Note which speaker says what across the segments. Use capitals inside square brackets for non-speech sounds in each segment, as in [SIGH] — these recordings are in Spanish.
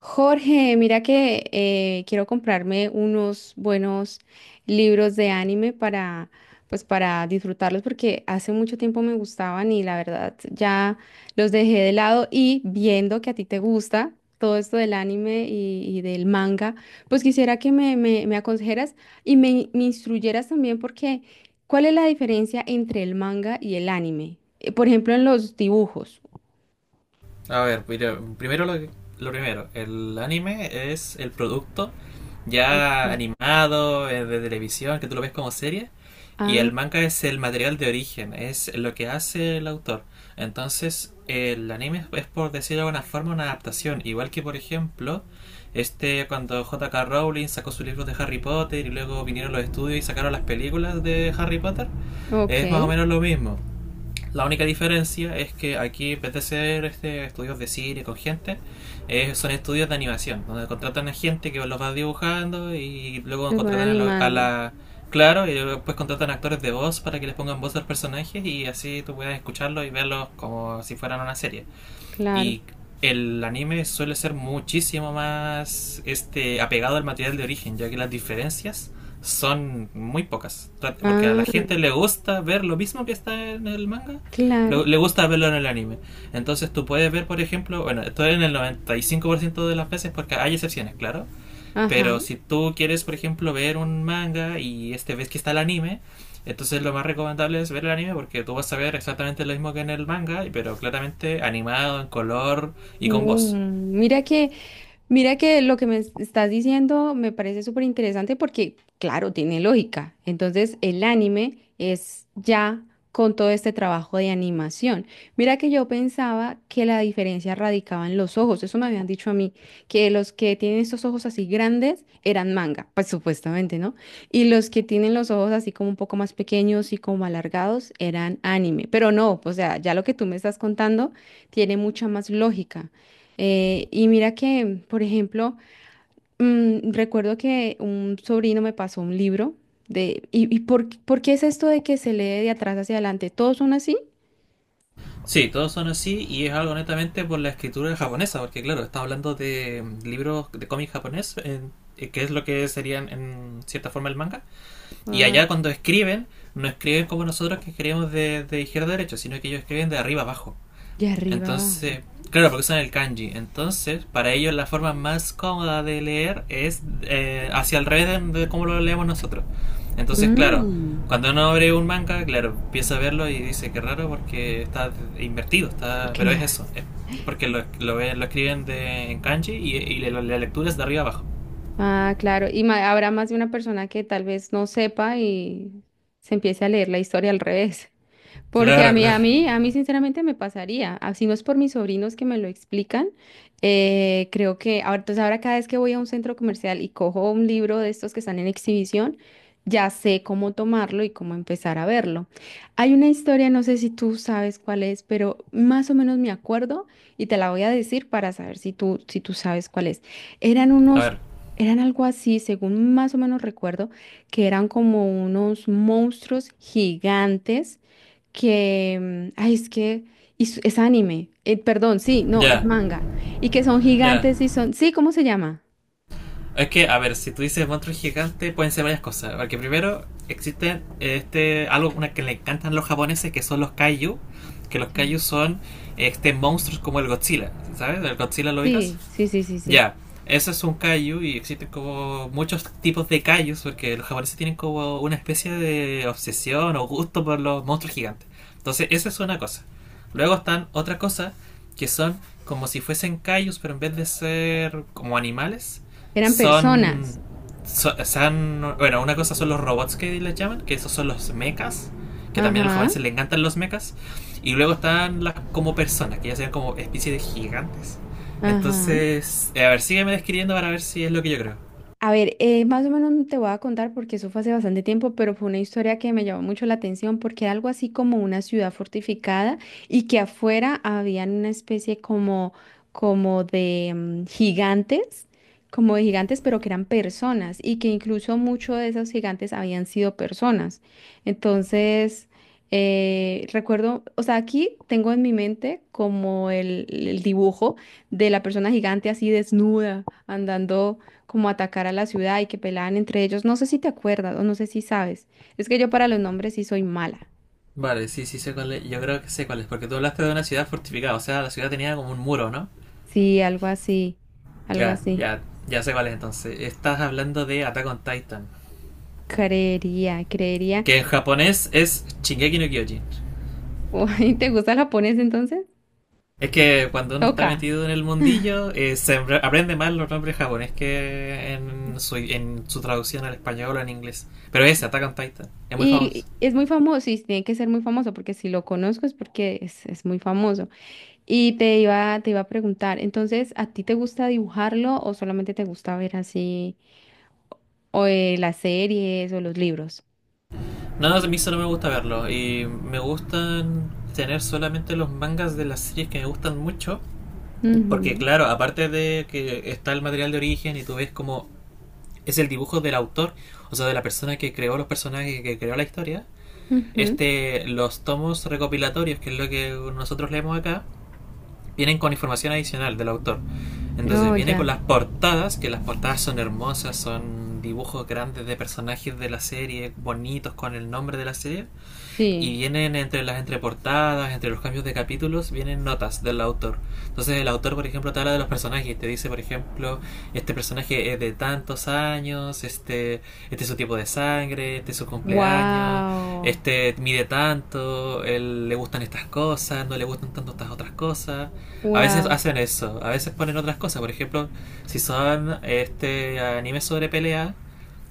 Speaker 1: Jorge, mira que quiero comprarme unos buenos libros de anime para, pues para disfrutarlos porque hace mucho tiempo me gustaban y la verdad ya los dejé de lado, y viendo que a ti te gusta todo esto del anime y del manga, pues quisiera que me aconsejaras y me instruyeras también porque, ¿cuál es la diferencia entre el manga y el anime? Por ejemplo, en los dibujos.
Speaker 2: A ver, primero lo primero, el anime es el producto
Speaker 1: Ok.
Speaker 2: ya animado, de televisión, que tú lo ves como serie, y
Speaker 1: Ah,
Speaker 2: el manga es el material de origen, es lo que hace el autor. Entonces, el anime es, por decirlo de alguna forma, una adaptación, igual que por ejemplo, este cuando J.K. Rowling sacó sus libros de Harry Potter y luego vinieron los estudios y sacaron las películas de Harry Potter, es más o
Speaker 1: ok,
Speaker 2: menos lo mismo. La única diferencia es que aquí, en vez de ser este, estudios de cine con gente, son estudios de animación, donde contratan a gente que los va dibujando y luego
Speaker 1: los van
Speaker 2: contratan a, la- a
Speaker 1: animando.
Speaker 2: la... Claro, y después contratan actores de voz para que les pongan voz a los personajes y así tú puedas escucharlos y verlos como si fueran una serie.
Speaker 1: Claro.
Speaker 2: Y el anime suele ser muchísimo más este apegado al material de origen, ya que las diferencias son muy pocas. Porque a
Speaker 1: Ah,
Speaker 2: la gente le gusta ver lo mismo que está en el manga,
Speaker 1: claro.
Speaker 2: le gusta verlo en el anime. Entonces tú puedes ver, por ejemplo, bueno, esto es en el 95% de las veces porque hay excepciones, claro.
Speaker 1: Ajá.
Speaker 2: Pero si tú quieres, por ejemplo, ver un manga y este ves que está el anime, entonces lo más recomendable es ver el anime porque tú vas a ver exactamente lo mismo que en el manga, pero claramente animado, en color y con voz.
Speaker 1: Mm, mira que Mira que lo que me estás diciendo me parece súper interesante porque, claro, tiene lógica. Entonces, el anime es ya con todo este trabajo de animación. Mira que yo pensaba que la diferencia radicaba en los ojos. Eso me habían dicho a mí, que los que tienen estos ojos así grandes eran manga, pues supuestamente, ¿no? Y los que tienen los ojos así como un poco más pequeños y como alargados eran anime. Pero no, o sea, ya lo que tú me estás contando tiene mucha más lógica. Y mira que, por ejemplo, recuerdo que un sobrino me pasó un libro de... ¿Y, y por qué es esto de que se lee de atrás hacia adelante? ¿Todos son así?
Speaker 2: Sí, todos son así y es algo netamente por la escritura japonesa, porque claro, está hablando de libros de cómic japonés, que es lo que serían en cierta forma el manga. Y
Speaker 1: Ah,
Speaker 2: allá cuando escriben, no escriben como nosotros que escribimos de izquierda a derecha, sino que ellos escriben de arriba a abajo.
Speaker 1: de arriba abajo.
Speaker 2: Entonces, claro, porque son el kanji. Entonces, para ellos la forma más cómoda de leer es hacia el revés de cómo lo leemos nosotros. Entonces, claro,
Speaker 1: Mm,
Speaker 2: cuando uno abre un manga, claro, empieza a verlo y dice que raro porque está invertido, está, pero es
Speaker 1: claro.
Speaker 2: eso, es porque lo escriben en kanji y la lectura es de arriba abajo.
Speaker 1: Ah, claro. Y habrá más de una persona que tal vez no sepa y se empiece a leer la historia al revés. Porque a
Speaker 2: Claro,
Speaker 1: mí, a
Speaker 2: claro.
Speaker 1: mí, a mí sinceramente me pasaría. Así no es por mis sobrinos que me lo explican. Eh, creo que ahora, entonces ahora cada vez que voy a un centro comercial y cojo un libro de estos que están en exhibición, ya sé cómo tomarlo y cómo empezar a verlo. Hay una historia, no sé si tú sabes cuál es, pero más o menos me acuerdo y te la voy a decir para saber si tú sabes cuál es. Eran
Speaker 2: A
Speaker 1: unos,
Speaker 2: ver,
Speaker 1: eran algo así, según más o menos recuerdo, que eran como unos monstruos gigantes que, ay, es que, y es anime, perdón, sí, no, es
Speaker 2: ya,
Speaker 1: manga, y que son
Speaker 2: ya.
Speaker 1: gigantes y son, sí, ¿cómo se llama?
Speaker 2: Es que, a ver, si tú dices monstruo gigante, pueden ser varias cosas. Porque primero, existe este algo una que le encantan los japoneses, que son los kaiju. Que los kaiju
Speaker 1: Ay.
Speaker 2: son este monstruos como el Godzilla, ¿sabes? ¿El Godzilla lo ubicas?
Speaker 1: Sí, sí, sí, sí, sí,
Speaker 2: Ya, eso es un kaiju y existen como muchos tipos de kaijus porque los japoneses tienen como una especie de obsesión o gusto por los monstruos gigantes. Entonces, esa es una cosa. Luego están otra cosa que son como si fuesen kaijus, pero en vez de ser como animales,
Speaker 1: eran
Speaker 2: son,
Speaker 1: personas,
Speaker 2: bueno, una cosa son los robots que les llaman, que esos son los mechas, que también a los
Speaker 1: ajá,
Speaker 2: japoneses les encantan los mechas, y luego están las como personas, que ya sean como especies de gigantes.
Speaker 1: ajá.
Speaker 2: Entonces, a ver, sígueme describiendo para ver si es lo que yo creo.
Speaker 1: A ver, más o menos te voy a contar porque eso fue hace bastante tiempo, pero fue una historia que me llamó mucho la atención porque era algo así como una ciudad fortificada y que afuera habían una especie como, como de gigantes, como de gigantes, pero que eran personas y que incluso muchos de esos gigantes habían sido personas. Entonces, recuerdo, o sea, aquí tengo en mi mente como el dibujo de la persona gigante así desnuda andando como atacar a la ciudad y que peleaban entre ellos. No sé si te acuerdas o no sé si sabes. Es que yo para los nombres sí soy mala.
Speaker 2: Vale, sí, sí, sé cuál es. Yo creo que sé cuál es, porque tú hablaste de una ciudad fortificada, o sea, la ciudad tenía como un muro, ¿no?
Speaker 1: Sí, algo así, algo
Speaker 2: Ya,
Speaker 1: así.
Speaker 2: ya, ya sé cuál es entonces. Estás hablando de Attack on Titan,
Speaker 1: Creería, creería.
Speaker 2: que en japonés es Shingeki no Kyojin.
Speaker 1: [LAUGHS] Uy, ¿te gusta el japonés entonces?
Speaker 2: Es que cuando uno está
Speaker 1: Toca.
Speaker 2: metido en el mundillo, se aprende más los nombres japoneses que en su, traducción al español o en inglés. Pero ese, Attack on Titan, es muy
Speaker 1: Y
Speaker 2: famoso.
Speaker 1: es muy famoso, y tiene que ser muy famoso, porque si lo conozco es porque es muy famoso. Y te iba a preguntar, entonces, ¿a ti te gusta dibujarlo o solamente te gusta ver así, o las series o los libros?
Speaker 2: No, a mí solo me gusta verlo. Y me gustan tener solamente los mangas de las series que me gustan mucho. Porque
Speaker 1: Ujú,
Speaker 2: claro, aparte de que está el material de origen y tú ves como es el dibujo del autor, o sea, de la persona que creó los personajes, que creó la historia,
Speaker 1: ujú.
Speaker 2: este, los tomos recopilatorios, que es lo que nosotros leemos acá, vienen con información adicional del autor. Entonces
Speaker 1: Oh,
Speaker 2: viene con
Speaker 1: ya.
Speaker 2: las portadas, que las portadas son hermosas, son dibujos grandes de personajes de la serie, bonitos con el nombre de la serie y
Speaker 1: Sí.
Speaker 2: vienen entre las entreportadas, entre los cambios de capítulos, vienen notas del autor. Entonces el autor, por ejemplo, te habla de los personajes te dice, por ejemplo, este personaje es de tantos años, este es su tipo de sangre, este es su cumpleaños,
Speaker 1: Wow.
Speaker 2: este mide tanto, él, le gustan estas cosas, no le gustan tanto estas otras cosas. A veces
Speaker 1: Wow.
Speaker 2: hacen eso, a veces ponen otras cosas, por ejemplo, si son este anime sobre pelea,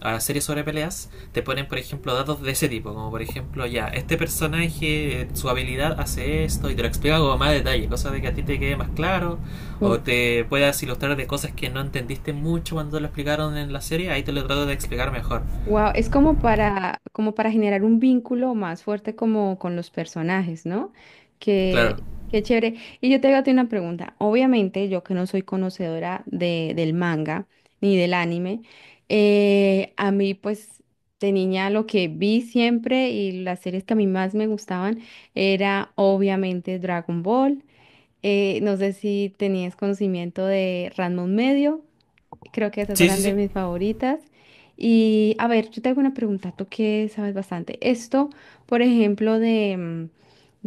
Speaker 2: a las series sobre peleas, te ponen, por ejemplo, datos de ese tipo, como por ejemplo, ya, este personaje, su habilidad hace esto, y te lo explica con más detalle, cosas de que a ti te quede más claro, o te puedas ilustrar de cosas que no entendiste mucho cuando lo explicaron en la serie, ahí te lo trato de explicar mejor.
Speaker 1: Wow. Es como para, como para generar un vínculo más fuerte como con los personajes, ¿no? Que,
Speaker 2: Claro.
Speaker 1: qué chévere. Y yo te hago a ti una pregunta. Obviamente, yo que no soy conocedora de, del manga ni del anime, a mí, pues, de niña lo que vi siempre y las series que a mí más me gustaban era obviamente Dragon Ball. No sé si tenías conocimiento de Ranma Medio. Creo que esas
Speaker 2: Sí, sí,
Speaker 1: eran de
Speaker 2: sí.
Speaker 1: mis favoritas. Y a ver, yo tengo una pregunta, tú que sabes bastante. Esto, por ejemplo, de,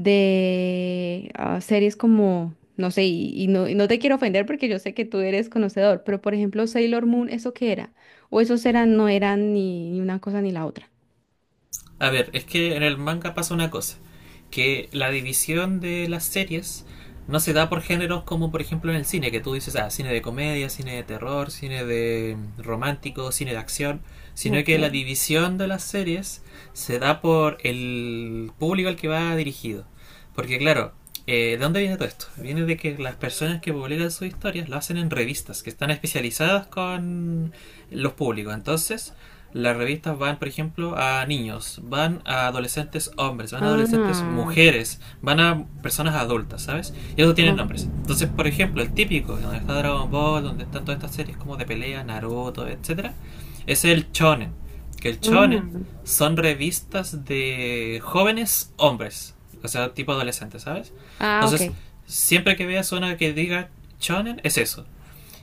Speaker 1: de series como, no sé, y no te quiero ofender porque yo sé que tú eres conocedor, pero por ejemplo, Sailor Moon, ¿eso qué era? ¿O esos eran, no eran ni, ni una cosa ni la otra?
Speaker 2: A ver, es que en el manga pasa una cosa, que la división de las series no se da por géneros como por ejemplo en el cine, que tú dices, ah, cine de comedia, cine de terror, cine de romántico, cine de acción, sino que
Speaker 1: Okay.
Speaker 2: la división de las series se da por el público al que va dirigido. Porque claro, ¿de dónde viene todo esto? Viene de que las personas que publican sus historias lo hacen en revistas, que están especializadas con los públicos. Entonces, las revistas van, por ejemplo, a niños, van a adolescentes hombres, van a adolescentes
Speaker 1: Ah,
Speaker 2: mujeres, van a personas adultas, ¿sabes? Y eso tienen nombres.
Speaker 1: okay.
Speaker 2: Entonces, por ejemplo, el típico, donde está Dragon Ball, donde están todas estas series como de pelea, Naruto, etcétera, es el shonen. Que el shonen
Speaker 1: Mm.
Speaker 2: son revistas de jóvenes hombres, o sea, tipo adolescentes, ¿sabes?
Speaker 1: Ah, ok.
Speaker 2: Entonces, siempre que veas una que diga shonen, es eso.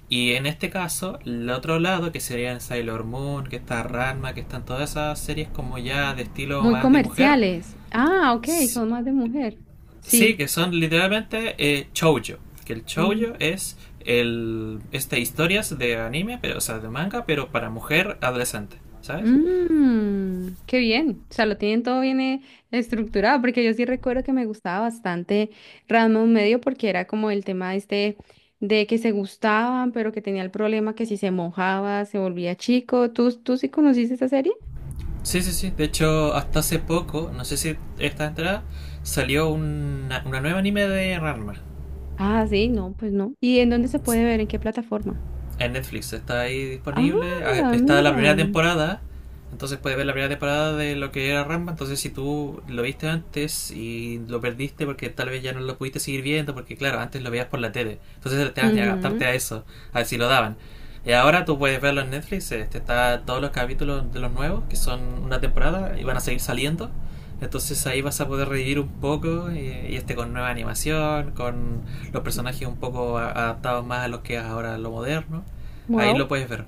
Speaker 2: Y en este caso, el otro lado, que serían Sailor Moon, que está Ranma, que están todas esas series como ya de estilo
Speaker 1: Muy
Speaker 2: más de mujer,
Speaker 1: comerciales. Ah, ok, son más de mujer.
Speaker 2: sí,
Speaker 1: Sí.
Speaker 2: que son literalmente shoujo. Que el shoujo es el este historias de anime, pero o sea, de manga, pero para mujer adolescente, ¿sabes?
Speaker 1: Mmm, qué bien. O sea, lo tienen todo bien estructurado, porque yo sí recuerdo que me gustaba bastante Rasmus Medio, porque era como el tema este de que se gustaban, pero que tenía el problema que si se mojaba, se volvía chico. ¿Tú, tú sí conociste esa serie?
Speaker 2: Sí, sí, sí. De hecho, hasta hace poco, no sé si estás enterada, salió una nueva anime de Ranma.
Speaker 1: Ah, sí, no, pues no. ¿Y en dónde se puede ver? ¿En qué plataforma?
Speaker 2: En Netflix está ahí disponible. Ah,
Speaker 1: Ah,
Speaker 2: está la primera
Speaker 1: mira.
Speaker 2: temporada. Entonces puedes ver la primera temporada de lo que era Rambo. Entonces si tú lo viste antes y lo perdiste porque tal vez ya no lo pudiste seguir viendo. Porque claro, antes lo veías por la tele. Entonces te vas a adaptarte a eso. A ver si lo daban. Y ahora tú puedes verlo en Netflix. Este, está todos los capítulos de los nuevos. Que son una temporada. Y van a seguir saliendo. Entonces ahí vas a poder revivir un poco y este con nueva animación, con los personajes un poco adaptados más a lo que es ahora lo moderno. Ahí
Speaker 1: Wow.
Speaker 2: lo puedes ver.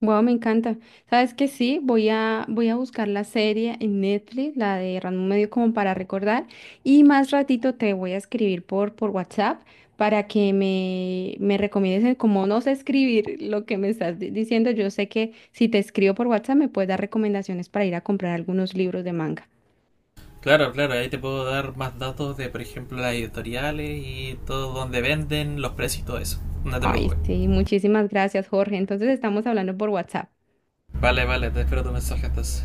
Speaker 1: Wow, me encanta. ¿Sabes que sí? Voy a, voy a buscar la serie en Netflix, la de Random Medio, como para recordar. Y más ratito te voy a escribir por WhatsApp para que me recomiendes como no sé escribir lo que me estás diciendo. Yo sé que si te escribo por WhatsApp me puedes dar recomendaciones para ir a comprar algunos libros de manga.
Speaker 2: Claro, claro, ahí te puedo dar más datos de, por ejemplo, las editoriales y todo donde venden, los precios y todo eso. No te
Speaker 1: Ay,
Speaker 2: preocupes.
Speaker 1: sí, muchísimas gracias, Jorge. Entonces estamos hablando por WhatsApp.
Speaker 2: Vale, vale, te espero tu mensaje entonces.